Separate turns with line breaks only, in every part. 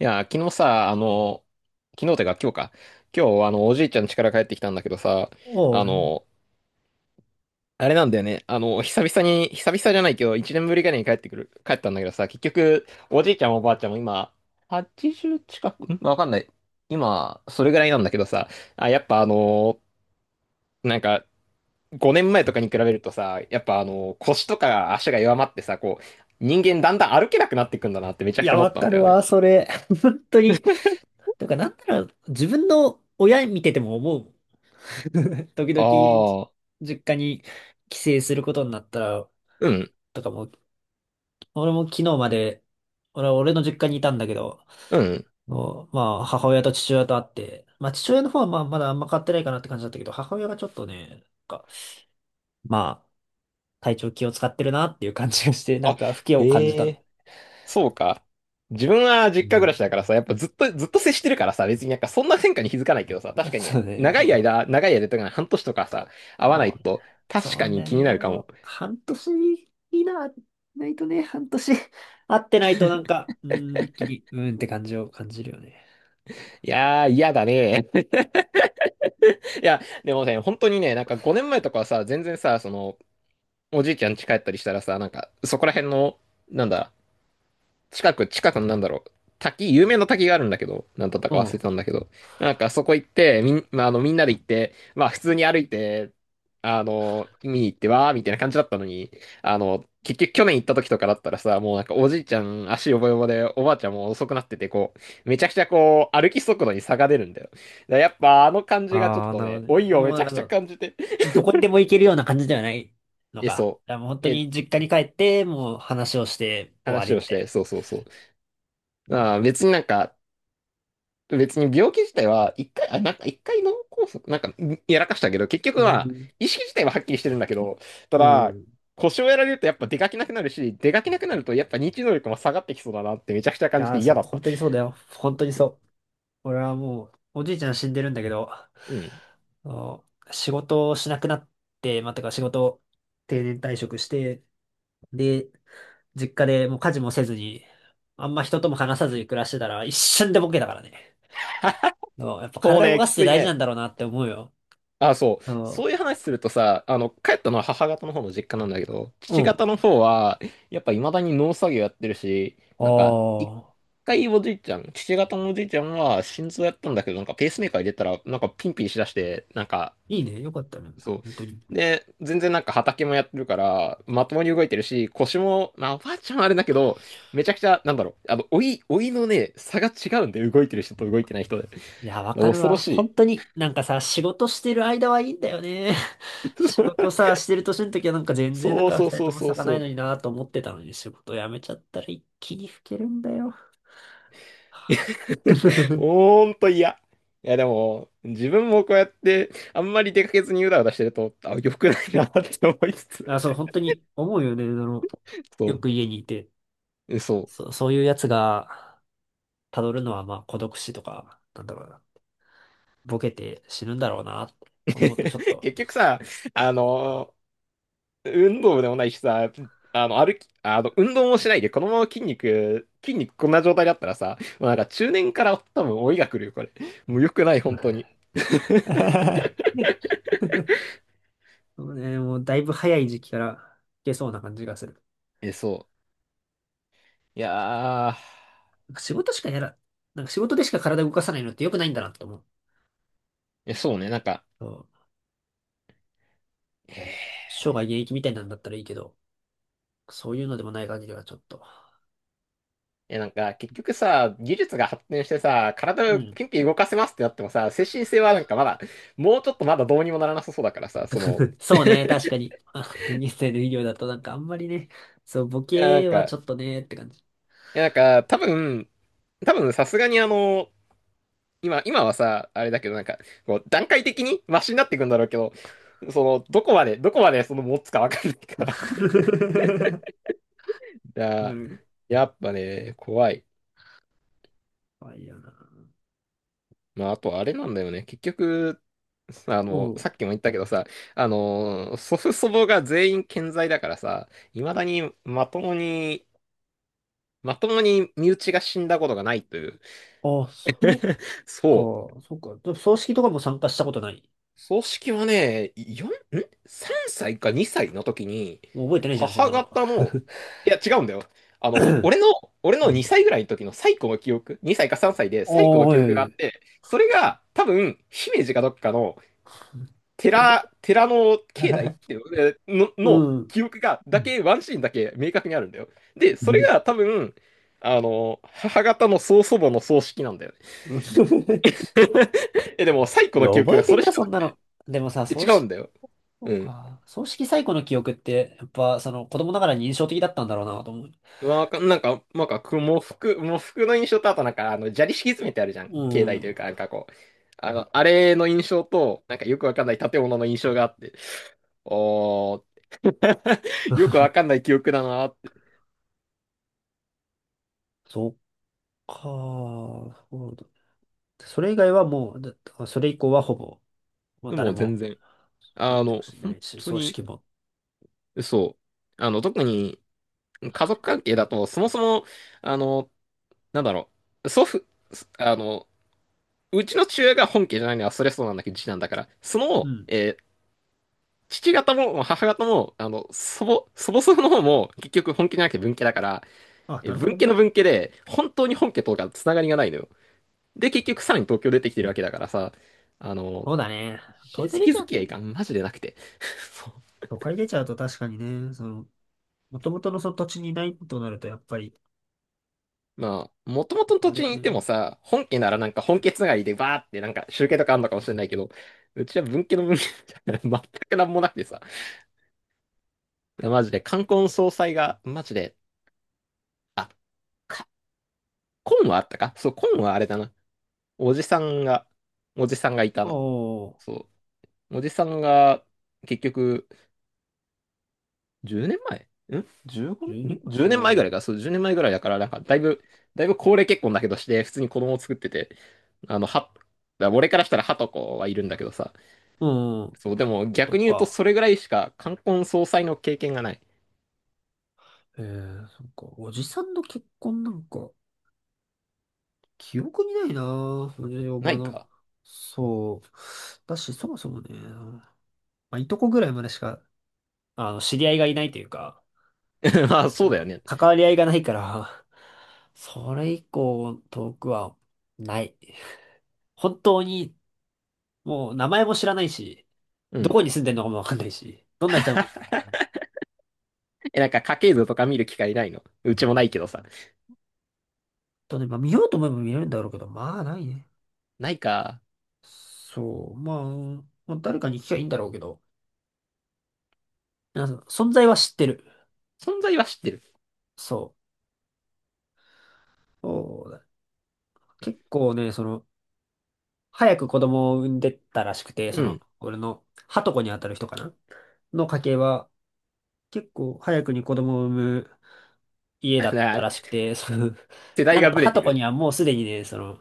いや、昨日さ、昨日てか今日か。今日、おじいちゃん家から帰ってきたんだけどさ、
お
あ
う、
の、あれなんだよね。久々に、久々じゃないけど、一年ぶりぐらいに帰ってくる、帰ったんだけどさ、結局、おじいちゃんもおばあちゃんも今、80近く、んわかんない。今、それぐらいなんだけどさ、あ、やっぱなんか、5年前とかに比べるとさ、やっぱ腰とか足が弱まってさ、こう、人間だんだん歩けなくなってくんだなってめち
い
ゃくち
や、
ゃ思っ
わ
たん
か
だ
る
よ
わ、
ね。
それ。本当に。とか、なんなら、自分の親見てても思うもん。時々、
ああ、
実家に帰省することになったら、
うん、
とかも、俺も昨日まで、俺は俺の実家にいたんだけど、
うん。
もうまあ、母親と父親と会って、まあ、父親の方はまあ、まだあんま変わってないかなって感じだったけど、母親がちょっとね、んか、まあ、体調気を使ってるなっていう感じがして、なん
あ、
か、不気を感じ
え
た。
え、そうか。自分は
う
実家暮らし
ん、
だからさ、やっぱずっと、ずっと接してるからさ、別になんかそんな変化に気づかないけどさ、確かに
そうね、
長い
そ
間、長い間とか半年とかさ、会
う。
わないと、
そ
確か
う
に
だ
気に
ね。
な
あ
るかも。
の、半年い内なないとね、半年 会ってないとなんか、うーん、一気に、うーんって感じを感じるよね。
いやー、嫌だね。いや、でもね、本当にね、なんか5年前とかはさ、全然さ、その、おじいちゃん家帰ったりしたらさ、なんか、そこら辺の、なんだ、近くのなんだろう、滝、有名な滝があるんだけど、なんだった
う
か忘れて
ん。
たんだけど、なんかそこ行って、まあ、みんなで行って、まあ、普通に歩いて、見に行ってわーみたいな感じだったのに、結局去年行った時とかだったらさ、もうなんかおじいちゃん足よぼよぼで、おばあちゃんも遅くなってて、こう、めちゃくちゃこう、歩き速度に差が出るんだよ。だからやっぱあの感じがちょっ
ああ、
と
なるほ
ね、
ど
老
ね。
いを
も
め
う
ち
なん
ゃ
か
く
そ
ちゃ
の、
感じて、
どこにでも行けるような感じではないの
え、
か。
そ
いやもう本
う、
当
え、
に実家に帰って、もう話をして終わ
話
り
を
み
し
た
て、
い
そうそうそう。
な。
まあ別になんか、別に病気自体は、一回、あ、なんか一回脳梗塞、なんかんやらかしたけど、結局
う
は、
ん。
意識自体ははっきりしてるんだけど、た
うん。
だ、
い
腰をやられるとやっぱ出かけなくなるし、出かけなくなるとやっぱ認知能力も下がってきそうだなってめちゃくちゃ感じ
や
て
ー、
嫌
そう、
だった。
本当にそうだよ。本当にそう。俺はもう、おじいちゃん死んでるんだけど、あ
うん。
の仕事をしなくなって、まあ、てか仕事を定年退職して、で、実家でもう家事もせずに、あんま人とも話さずに暮らしてたら一瞬でボケだからね。あの やっぱ
そう
体動
ね、
か
き
すって
つい
大事な
ね。
んだろうなって思うよ。
あ、そう。
あの、
そういう話するとさ、帰ったのは母方の方の実家なんだけど、
う
父
ん。
方の方は、やっぱ未だに農作業やってるし、なんか、一
ああ、
回おじいちゃん、父方のおじいちゃんは心臓やったんだけど、なんかペースメーカー入れたら、なんかピンピンしだして、なんか、
いいね。よかったね。
そ
本当に。
う。で、全然なんか畑もやってるから、まともに動いてるし、腰も、まあ、おばあちゃんはあれだけど、めちゃくちゃ、なんだろう、老いのね、差が違うんで、動いてる人と動いてない人で。
いや、わかる
恐ろ
わ。
しい。
本当に、なんかさ、仕事してる間はいいんだよね。仕事 さ、してる年の時はなんか全然なん
そう
か
そう
二人
そ
と
う
も
そう
咲かな
そ
い
う。
のになと思ってたのに、仕事辞めちゃったら一気に老けるんだよ。はあ
ほんと嫌。いや、でも、自分もこうやって、あんまり出かけずにうだうだしてると、あ、良くないなって思いつつ。
あ、そう、本当に思うよね。あの、よ
そ
く家にいて、
う、そ
そう、そういうやつが辿るのはまあ孤独死とか、なんだろうな、ボケて死ぬんだろうなって
う。
思うとちょっと。
結局さ、あの、運動部でもないしさ、歩き、あの、運動もしないで、このまま筋肉こんな状態だったらさ、もうなんか中年から多分老いが来るよ、これ。もう良くない、本当に。
そうね、もうだいぶ早い時期からいけそうな感じがする。
え、そう。いやー、
なんか仕事しかやら、なんか仕事でしか体動かさないのって良くないんだなって思う。
え、そうね、なんか、
そう、
えー
生涯現役みたいなんだったらいいけど、そういうのでもない限りはちょっと。
え、なんか、結局さ、技術が発展してさ、体
う
を
ん。
ピンピン動かせますってなってもさ、精神性はなんかまだ、もうちょっとまだどうにもならなさそうだからさ、その、
そう ね、確かに。現在の医療だとなんかあんまりね、そう、ボ
いや、なん
ケはち
か、
ょっとね、って感じ。
いや、なんか、多分、さすがに今はさ、あれだけど、なんか、こう、段階的にマシになっていくんだろうけど、その、どこまで、どこまでその持つかわかんない か
わ
ら。い
か
や、
る。
やっぱね、怖い。
あ、いいよな。
まあ、あとあれなんだよね。結局、
う
さ
ん。
っきも言ったけどさ、祖父祖母が全員健在だからさ、未だにまともに、まともに身内が死んだことがないという。
あ、そっ
そう。
か、そっか。でも葬式とかも参加したことない。
葬式はね、4、ん ?3 歳か2歳の時に、
もう覚えてないじゃん、そん
母
なの。
方の、いや違うんだよ。あの、俺の、俺
う
の
ん。
2歳ぐらいの時の最古の記憶、2歳か3歳で
ああ、
最古の記
は
憶があっ
い。
て、それが多分、姫路かどっかの寺の境内ってい うの、
う
の
ん。
記憶が、
う
だ
ん
け、ワンシーンだけ明確にあるんだよ。で、それが 多分、母方の曽祖母の葬式なんだよね。
うん、
え、でも、最
い
古
や、
の記憶
覚え
が
て
そ
ん
れし
だ、
か
そ
な
んな
くて、
の。でもさ、
え
葬
違うん
式、
だよ。
そう
うん。
か。葬式最古の記憶って、やっぱ、その、子供ながらに印象的だったんだろうな、と思う。
まあ、なんか、く喪服、喪服の印象と、あとなんか、砂利敷き詰めてあるじゃん。
う
境内とい
ん。
うか、なんかこう、あれの印象と、なんかよくわかんない建物の印象があって、おー、よくわかんない記憶だなーって。
そっか。そうだそれ以外はもう、それ以降はほぼ、もう
でも
誰
う全
も、
然。
身内も住んでな
本
いし、
当
葬
に、
式も。
そう。特に、家族関係だと、そもそも、あの、なんだろう、祖父、すあの、うちの父親が本家じゃないのは、それそうなんだけど、次男だから、そ
う
の、
ん。
父方も母方も、祖母祖父の方も、結局本家じゃなくて文家だから、
あなるほ
文
ど
家
ね。
の文家で、本当に本家とかつながりがないのよ。で、結局さらに東京出てきてるわけだからさ、あの、
そうだね。
親
東京出
戚
ちゃう
付
と
き合い
ね。
がマジでなくて。
都会出ちゃうと確かにね、その、もともとのその土地にいないとなると、やっぱり、
まあ、もともとの
あ
土
れ
地
は
にいても
ね、
さ、本家ならなんか本家つながりでバーってなんか集計とかあんのかもしれないけど、うちは文家の文家じゃない 全くなんもなくてさ、マジで冠婚葬祭が、マジで、あ、か、婚はあったかそう、婚はあれだな。おじさんが、おじさんがいたな。
おー、
そう。おじさんが、結局、10年前ん ?15? ん
12分、
?10 年前
お
ぐ
ー、
らいか。そう、10年前ぐらいだから、なんか、だいぶ、だいぶ高齢結婚だけどして、普通に子供を作ってて、だから俺からしたら、ハとコはいるんだけどさ。
うん、
そう、でも
と
逆に言うと、
か。
それぐらいしか冠婚葬祭の経験がない。
ええー、そっか。おじさんの結婚なんか、記憶にないなぁ。おじお
な
ば
い
の。
か
そう。だし、そもそもね、まあ、いとこぐらいまでしか、あの、知り合いがいないというか、
まあ、そうだよ
ま
ね。
あ、関わり合いがないから、それ以降、遠くは、ない。本当に、もう、名前も知らないし、
う
ど
ん。
こに住んでるのかもわかんないし、どんな人なのかも わかんない
え、なんか、家系図とか見る機会ないのうちもないけどさ。
とね、まあ、見ようと思えば見れるんだろうけど、まあ、ないね。
ないか。
そう、まあ、まあ誰かに聞きゃいいんだろうけど、そう、存在は知ってる。
存在は知ってる。
そう。そうだ結構ね、その、早く子供を産んでったらしくて、そ
う
の、
ん。
俺の、はとこにあたる人かなの家系は、結構早くに子供を産む 家
あ
だった
れ
らしくて、その、
世代
なん
が
と
ブレ
は
て
とこに
る。
はもうすでにね、その、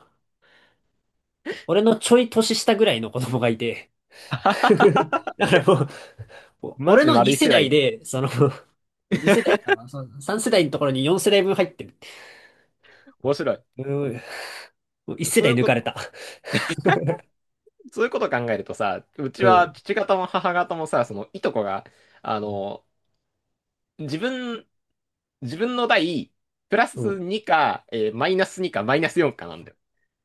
俺のちょい年下ぐらいの子供がいて、だからもう、お
マ
俺
ジで
の
丸
2
い
世
世
代
代。
で、その、2世代かな、その3世代のところに4世代分入ってる。
面白い。
うん、もう1世
そうい
代
う
抜
こ
か
と、
れた。
そういうことを考えるとさ、うち
う
は
ん。
父方も母方もさ、そのいとこが、あの、自分、自分の代、プラ
う
ス
ん。
2か、マイナス2か、マイナス4かなんだよ。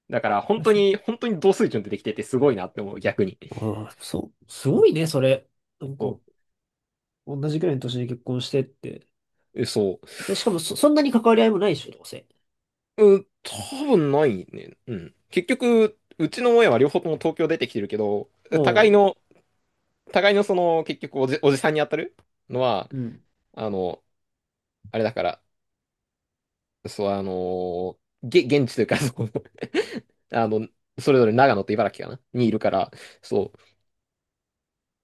だから本当に、本当に同水準でできててすごいなって思う、逆に。
ああ、そう、すごいね、それ。なん
そ
か、同じくらいの年に結婚してって。
う。え、そう。
で、しかもそんなに関わり合いもないでしょ、どうせ。
うん、多分ないね。うん。結局、うちの親は両方とも東京出てきてるけど、
お
互い
う、
の、互いのその、結局おじさんに当たるのは、
うん。
あの、あれだから、そう、あのーげ、現地というか、その あの、それぞれ長野と茨城かなにいるから、そう。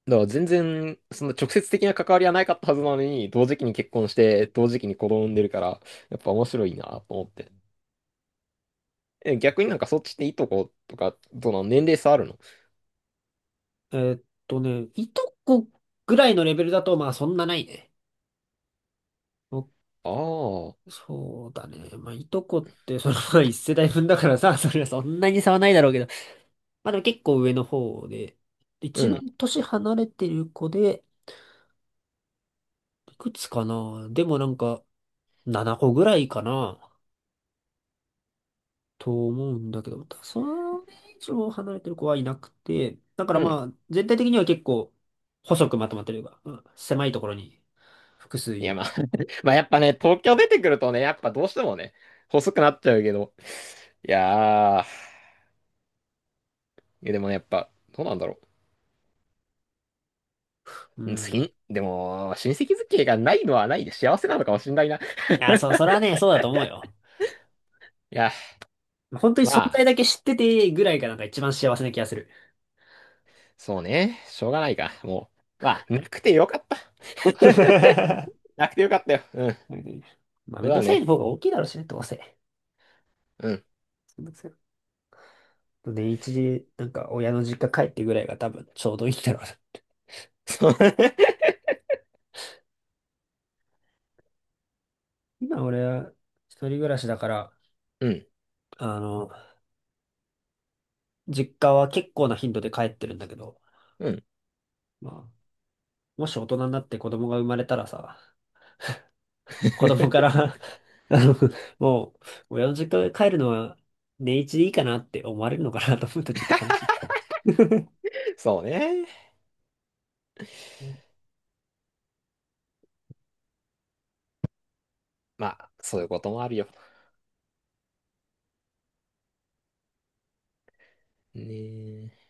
だから全然、その直接的な関わりはないかったはずなのに、同時期に結婚して、同時期に子供産んでるから、やっぱ面白いなと思って。え、逆になんかそっちっていいとことか、どうなの年齢差あるの
えーっいとこぐらいのレベルだと、まあ、そんなないね。お
ああ、
そうだね。まあ、いとこって、その、まあ一世代分だからさ、それはそんなに差はないだろうけど。まあ、でも結構上の方で。
う
一
ん、
番年離れてる子で、いくつかなでもなんか、7個ぐらいかな。と思うんだけど、ただそれ以上離れてる子はいなくて、だから
う
ま
ん。
あ、全体的には結構、細くまとまってるが、うん、狭いところに複数
い
い
や、
る。
まあ、まあやっぱね、東京出てくるとね、やっぱどうしてもね、細くなっちゃうけど、いやー、いやでもね、やっぱ、どうなんだろう。
う
うん好
ん。
き、でも、親戚付き合いがないのはないで幸せなのかもしんないな。い
いや、そう、それはね、そうだと思うよ。
や、
本当に
ま
存在
あ、
だけ知っててぐらいがなんか一番幸せな気がする。
そうね。しょうがないか。もう、まあ、なくてよかった。なくてよかったよ。うん。
まあ、
そ
め
う
んど
だ
くさい
ね。
方が大きいだろうしね、どうせ。
うん。
めんどくさい。年一で、なんか親の実家帰ってぐらいが多分ちょうどいいんだろうな。
そう。
今俺は一人暮らしだから、
うん。
あの、実家は結構な頻度で帰ってるんだけど、
うん。
まあ、もし大人になって子供が生まれたらさ、子供か ら あの、もう、親の実家に帰るのは年一でいいかなって思われるのかなと思うとちょっと悲しい。
そうね。まあ、そういうこともあるよ。ねえ。